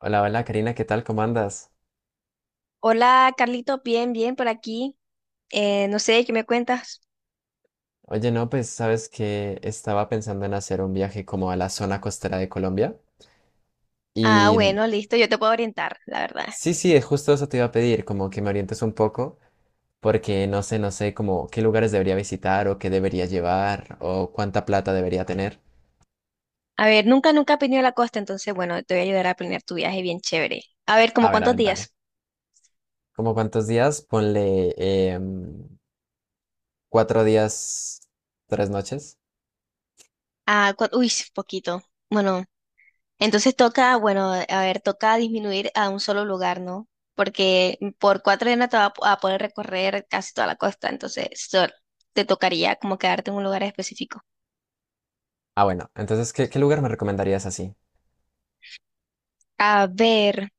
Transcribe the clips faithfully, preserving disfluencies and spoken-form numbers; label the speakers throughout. Speaker 1: Hola, hola Karina, ¿qué tal? ¿Cómo andas?
Speaker 2: Hola, Carlito, bien, bien por aquí. Eh, no sé, ¿qué me cuentas?
Speaker 1: Oye, no, pues sabes que estaba pensando en hacer un viaje como a la zona costera de Colombia.
Speaker 2: Ah,
Speaker 1: Y
Speaker 2: bueno, listo, yo te puedo orientar, la verdad.
Speaker 1: sí, sí, justo eso te iba a pedir, como que me orientes un poco, porque no sé, no sé, como qué lugares debería visitar o qué debería llevar o cuánta plata debería tener.
Speaker 2: A ver, nunca, nunca he venido a la costa, entonces, bueno, te voy a ayudar a planear tu viaje bien chévere. A ver,
Speaker 1: A
Speaker 2: ¿como
Speaker 1: ver, a
Speaker 2: cuántos
Speaker 1: ver, dale.
Speaker 2: días?
Speaker 1: ¿Como cuántos días? Ponle em, cuatro días, tres noches.
Speaker 2: Ah, cua- uy, poquito. Bueno, entonces toca, bueno, a ver, toca disminuir a un solo lugar, ¿no? Porque por cuatro días no te vas a poder recorrer casi toda la costa, entonces so- te tocaría como quedarte en un lugar específico.
Speaker 1: Ah, bueno, entonces, ¿qué, qué lugar me recomendarías así?
Speaker 2: A ver.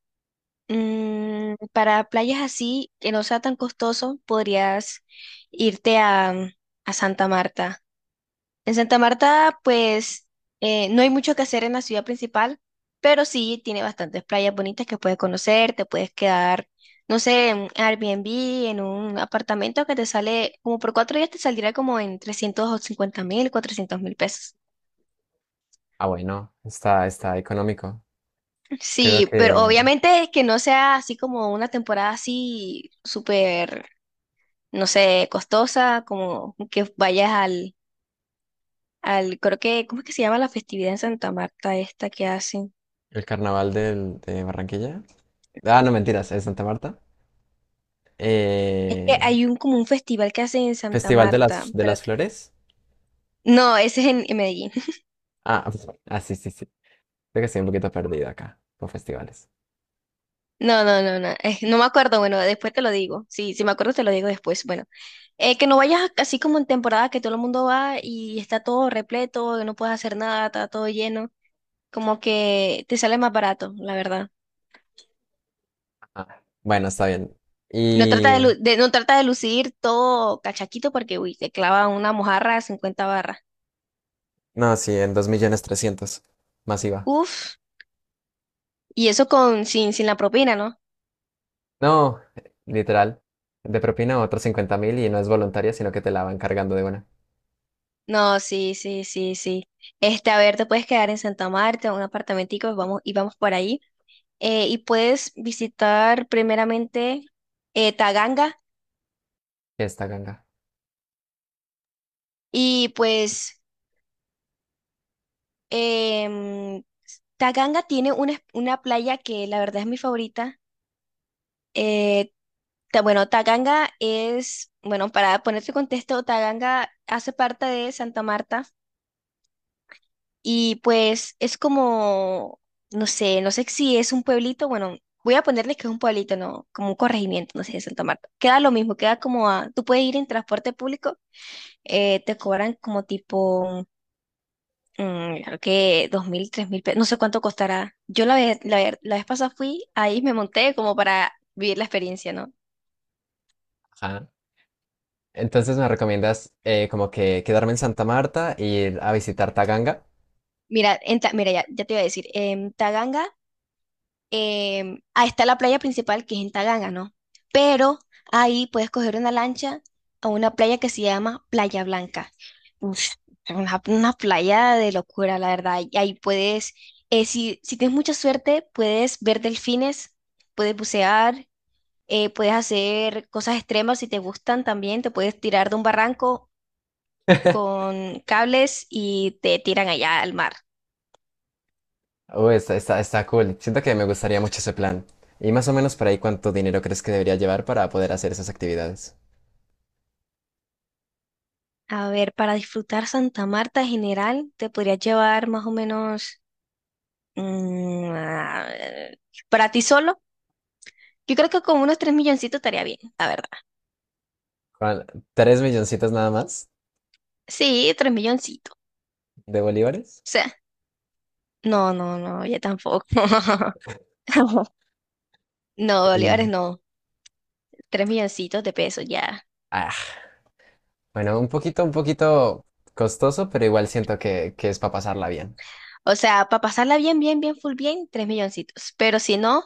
Speaker 2: Mm, para playas así, que no sea tan costoso, podrías irte a, a Santa Marta. En Santa Marta, pues, eh, no hay mucho que hacer en la ciudad principal, pero sí tiene bastantes playas bonitas que puedes conocer, te puedes quedar, no sé, en Airbnb, en un apartamento que te sale, como por cuatro días te saldría como en trescientos cincuenta mil, cuatrocientos mil pesos.
Speaker 1: Ah, bueno, está, está económico. Creo
Speaker 2: Sí, pero
Speaker 1: que
Speaker 2: obviamente que no sea así como una temporada así súper, no sé, costosa, como que vayas al, al, creo que, ¿cómo es que se llama la festividad en Santa Marta esta que hacen?
Speaker 1: el carnaval del- de Barranquilla. Ah, no, mentiras, es Santa Marta.
Speaker 2: Es que
Speaker 1: Eh,
Speaker 2: hay un, como un festival que hacen en Santa
Speaker 1: Festival de
Speaker 2: Marta,
Speaker 1: las, de
Speaker 2: pero
Speaker 1: las
Speaker 2: que,
Speaker 1: Flores.
Speaker 2: no, ese es en, en Medellín.
Speaker 1: Ah, ah, sí, sí, sí. Creo que estoy un poquito perdido acá con festivales.
Speaker 2: No, no, no, no, eh, no me acuerdo, bueno, después te lo digo, sí, si me acuerdo te lo digo después, bueno. Eh, que no vayas así como en temporada que todo el mundo va y está todo repleto, no puedes hacer nada, está todo lleno, como que te sale más barato, la verdad.
Speaker 1: Ajá. Bueno, está bien.
Speaker 2: No
Speaker 1: Y
Speaker 2: trata de, lu- de- no trata de lucir todo cachaquito porque, uy, te clava una mojarra de cincuenta barras.
Speaker 1: no, sí, en dos millones trescientos masiva.
Speaker 2: Uf, y eso con, sin, sin la propina, ¿no?
Speaker 1: No, literal. De propina otros cincuenta mil y no es voluntaria, sino que te la van cargando de una.
Speaker 2: No, sí, sí, sí, sí. Este, a ver, te puedes quedar en Santa Marta, en un apartamentico, vamos, y vamos por ahí. Eh, y puedes visitar primeramente, eh, Taganga.
Speaker 1: Esta ganga.
Speaker 2: Y pues, em, Taganga tiene una, una playa que la verdad es mi favorita. Eh, ta- bueno, Taganga es, bueno, para ponerte en contexto, Taganga hace parte de Santa Marta y pues es como, no sé, no sé si es un pueblito, bueno, voy a ponerle que es un pueblito, no, como un corregimiento, no sé, de Santa Marta. Queda lo mismo, queda como a, tú puedes ir en transporte público, eh, te cobran como tipo, mm, creo que dos mil, tres mil pesos, no sé cuánto costará. Yo la vez, la, vez- la vez pasada fui, ahí me monté como para vivir la experiencia, ¿no?
Speaker 1: Ajá. Entonces me recomiendas eh, como que quedarme en Santa Marta y ir a visitar Taganga.
Speaker 2: Mira, en Ta- mira ya, ya te iba a decir, en Taganga, em, ahí está la playa principal que es en Taganga, ¿no? Pero ahí puedes coger una lancha a una playa que se llama Playa Blanca. Uf, una, una playa de locura, la verdad. Y ahí puedes, eh, si, si tienes mucha suerte, puedes ver delfines, puedes bucear, eh, puedes hacer cosas extremas si te gustan también, te puedes tirar de un barranco con cables y te tiran allá al mar.
Speaker 1: Oh, está, está, está cool. Siento que me gustaría mucho ese plan. Y más o menos por ahí, ¿cuánto dinero crees que debería llevar para poder hacer esas actividades?
Speaker 2: A ver, para disfrutar Santa Marta en general, te podrías llevar más o menos, mm, a ver, para ti solo. Yo creo que con unos tres milloncitos estaría bien, la verdad.
Speaker 1: ¿Cuál? ¿Tres milloncitos nada más
Speaker 2: Sí, tres milloncitos. O
Speaker 1: de bolívares?
Speaker 2: sea, no, no, no, ya tampoco. No, bolívares
Speaker 1: Uy.
Speaker 2: no. Tres milloncitos de pesos ya.
Speaker 1: Ah, bueno, un poquito, un poquito costoso, pero igual siento que, que es para pasarla bien.
Speaker 2: O sea, para pasarla bien, bien, bien, full bien, tres milloncitos. Pero si no,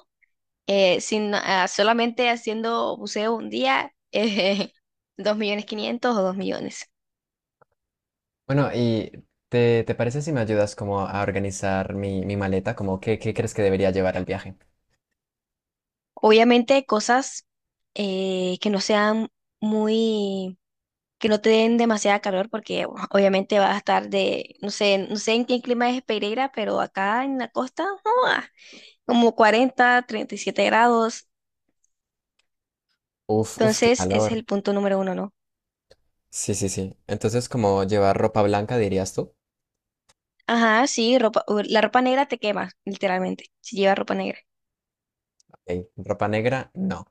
Speaker 2: eh, si no- ah, solamente haciendo buceo un día, eh, dos millones quinientos o dos millones.
Speaker 1: Bueno, ¿y te, te parece si me ayudas como a organizar mi, mi maleta? Como, ¿qué, qué crees que debería llevar al viaje?
Speaker 2: Obviamente cosas, eh, que no sean muy, que no te den demasiada calor porque bueno, obviamente vas a estar de, no sé, no sé en qué clima es Pereira, pero acá en la costa, ¡ah!, como cuarenta, treinta y siete grados.
Speaker 1: Uf, uf, qué
Speaker 2: Entonces, ese es
Speaker 1: calor.
Speaker 2: el punto número uno, ¿no?
Speaker 1: Sí, sí, sí. Entonces, ¿como llevar ropa blanca, dirías tú?
Speaker 2: Ajá, sí, ropa, u- la ropa negra te quema, literalmente, si llevas ropa negra.
Speaker 1: Ok. ¿Ropa negra? No.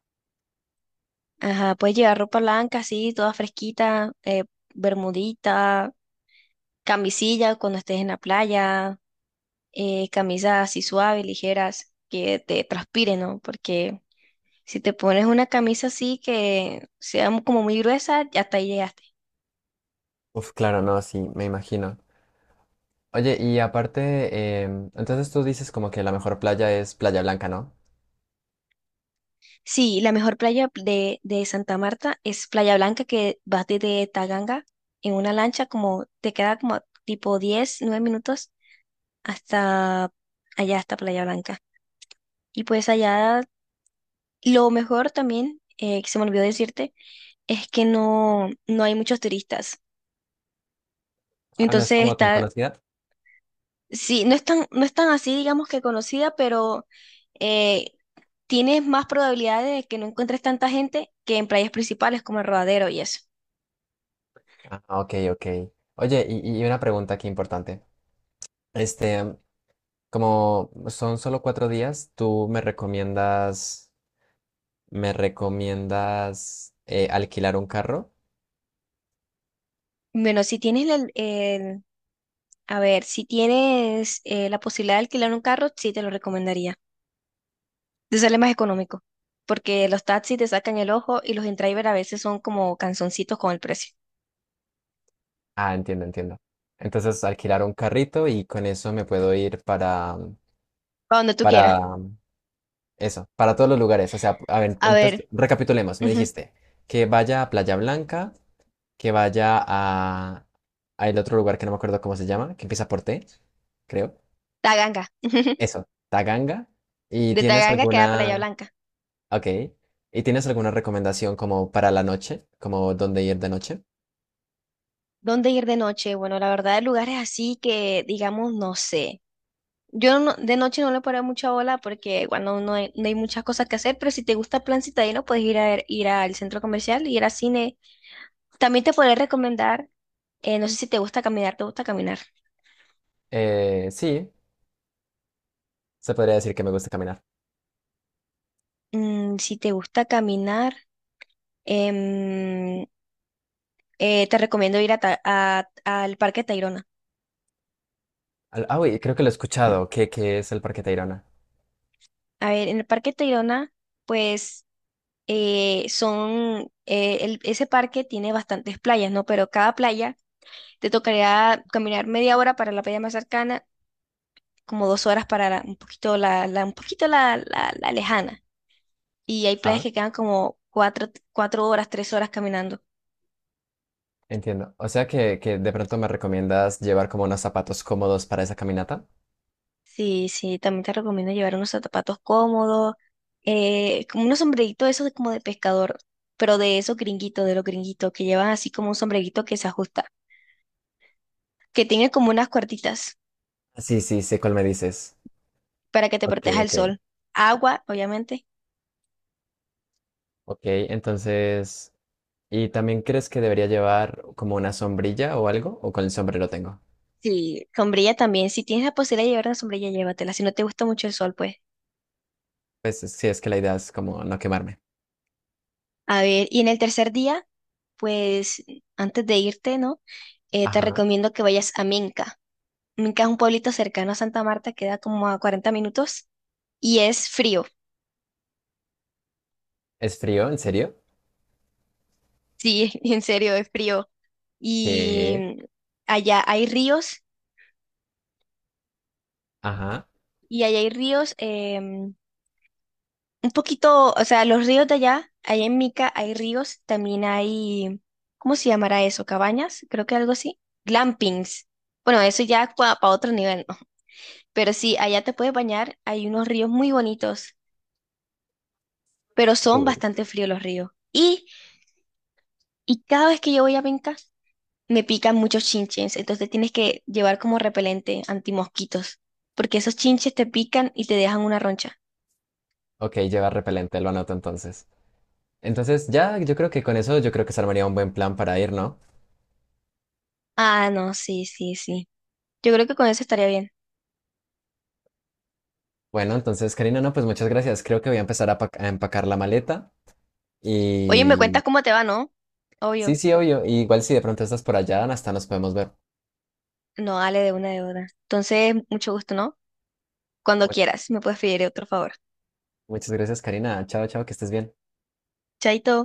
Speaker 2: Ajá, puedes llevar ropa blanca, sí, toda fresquita, eh, bermudita, camisilla cuando estés en la playa, eh, camisas así suaves, ligeras, que te transpiren, ¿no? Porque si te pones una camisa así que sea mu- como muy gruesa, ya hasta ahí llegaste.
Speaker 1: Uf, claro, no, sí, me imagino. Oye, y aparte, em, entonces tú dices como que la mejor playa es Playa Blanca, ¿no?
Speaker 2: Sí, la mejor playa de, de Santa Marta es Playa Blanca, que vas desde Taganga en una lancha, como te queda como tipo diez, nueve minutos hasta allá, hasta Playa Blanca. Y pues allá lo mejor también, eh, que se me olvidó decirte, es que no, no hay muchos turistas.
Speaker 1: Ah, no es
Speaker 2: Entonces
Speaker 1: como tan
Speaker 2: está
Speaker 1: conocida.
Speaker 2: Sí, no es tan, no es tan así, digamos que conocida, pero eh, tienes más probabilidades de que no encuentres tanta gente que en playas principales como el Rodadero y eso.
Speaker 1: Ah, ok, ok. Oye, y, y una pregunta aquí importante. Este, como son solo cuatro días, ¿tú me recomiendas, me recomiendas eh, alquilar un carro?
Speaker 2: Bueno, si tienes el, el- a ver, si tienes, eh, la posibilidad de alquilar un carro, sí te lo recomendaría. Te sale más económico, porque los taxis te sacan el ojo y los in-driver a veces son como canzoncitos con el precio.
Speaker 1: Ah, entiendo, entiendo. Entonces, alquilar un carrito y con eso me puedo ir para,
Speaker 2: Para donde tú quieras.
Speaker 1: para, eso, para todos los lugares. O sea, a ver,
Speaker 2: A ver,
Speaker 1: entonces recapitulemos. Me
Speaker 2: ujú,
Speaker 1: dijiste que vaya a Playa Blanca, que vaya a, a el otro lugar que no me acuerdo cómo se llama, que empieza por T, creo.
Speaker 2: Taganga.
Speaker 1: Eso, Taganga. ¿Y
Speaker 2: De
Speaker 1: tienes
Speaker 2: Taganga queda Playa
Speaker 1: alguna,
Speaker 2: Blanca.
Speaker 1: ok, ¿y tienes alguna recomendación como para la noche, como dónde ir de noche?
Speaker 2: ¿Dónde ir de noche? Bueno, la verdad, lugares así que, digamos, no sé. Yo no- De noche no le paro mucha bola porque, bueno, no hay, no hay muchas cosas que hacer, pero si te gusta el plan citadino, puedes ir a ver- ir al centro comercial, ir al cine. También te podré recomendar, eh, no sé si te gusta caminar, ¿te gusta caminar?
Speaker 1: Eh, sí, se podría decir que me gusta caminar.
Speaker 2: Mm, si te gusta caminar, em, eh, te recomiendo ir a Ta- a- al Parque Tayrona.
Speaker 1: Al- Ah, uy, creo que lo he escuchado, que, que es el Parque Tayrona.
Speaker 2: A ver, en el Parque Tayrona, pues eh, son, eh, el- ese parque tiene bastantes playas, ¿no? Pero cada playa te tocaría caminar media hora para la playa más cercana, como dos horas para la- un poquito la, la- un poquito la, la, la lejana. Y hay playas
Speaker 1: Ajá.
Speaker 2: que quedan como cuatro, cuatro horas, tres horas caminando.
Speaker 1: Entiendo. O sea que, que de pronto me recomiendas llevar como unos zapatos cómodos para esa caminata.
Speaker 2: Sí, sí, también te recomiendo llevar unos zapatos cómodos, eh, como unos sombreritos de esos, de- como de pescador, pero de esos gringuitos, de los gringuitos, que llevan así como un sombrerito que se ajusta, que tiene como unas cuartitas,
Speaker 1: Ah, sí, sí, sé cuál me dices.
Speaker 2: para que te
Speaker 1: Ok,
Speaker 2: proteja el
Speaker 1: ok.
Speaker 2: sol. Agua, obviamente.
Speaker 1: Ok, entonces, ¿y también crees que debería llevar como una sombrilla o algo? ¿O con el sombrero tengo?
Speaker 2: Sí, sombrilla también. Si tienes la posibilidad de llevar una sombrilla, llévatela. Si no te gusta mucho el sol, pues.
Speaker 1: Pues sí, es que la idea es como no quemarme.
Speaker 2: A ver, y en el tercer día, pues antes de irte, ¿no? Eh, te
Speaker 1: Ajá.
Speaker 2: recomiendo que vayas a Minca. Minca es un pueblito cercano a Santa Marta, queda como a cuarenta minutos y es frío.
Speaker 1: ¿Es frío? ¿En serio?
Speaker 2: Sí, en serio, es frío. Y
Speaker 1: ¿Qué?
Speaker 2: allá hay ríos
Speaker 1: Ajá.
Speaker 2: y allá hay ríos eh, Un poquito, o sea, los ríos de allá, allá en Mica hay ríos, también hay, ¿cómo se llamará eso? ¿Cabañas? Creo que algo así. Glampings. Bueno, eso ya para otro nivel, ¿no? Pero sí, allá te puedes bañar, hay unos ríos muy bonitos, pero son
Speaker 1: Uh.
Speaker 2: bastante fríos los ríos. Y, y cada vez que yo voy a Minca, me pican muchos chinches, entonces tienes que llevar como repelente antimosquitos, porque esos chinches te pican y te dejan una roncha.
Speaker 1: Ok, lleva repelente, lo anoto entonces. Entonces, ya, yo creo que con eso, yo creo que se armaría un buen plan para ir, ¿no?
Speaker 2: Ah, no, sí, sí, sí. Yo creo que con eso estaría bien.
Speaker 1: Bueno, entonces, Karina, no, pues muchas gracias. Creo que voy a empezar a, pa- a empacar la maleta.
Speaker 2: Oye, me
Speaker 1: Y
Speaker 2: cuentas cómo te va, ¿no?
Speaker 1: sí,
Speaker 2: Obvio.
Speaker 1: sí, obvio. Y igual si de pronto estás por allá, hasta nos podemos ver.
Speaker 2: No, dale de una de una. Entonces, mucho gusto, ¿no? Cuando
Speaker 1: Bueno,
Speaker 2: quieras, me puedes pedir otro favor.
Speaker 1: muchas gracias, Karina. Chao, chao, que estés bien.
Speaker 2: Chaito.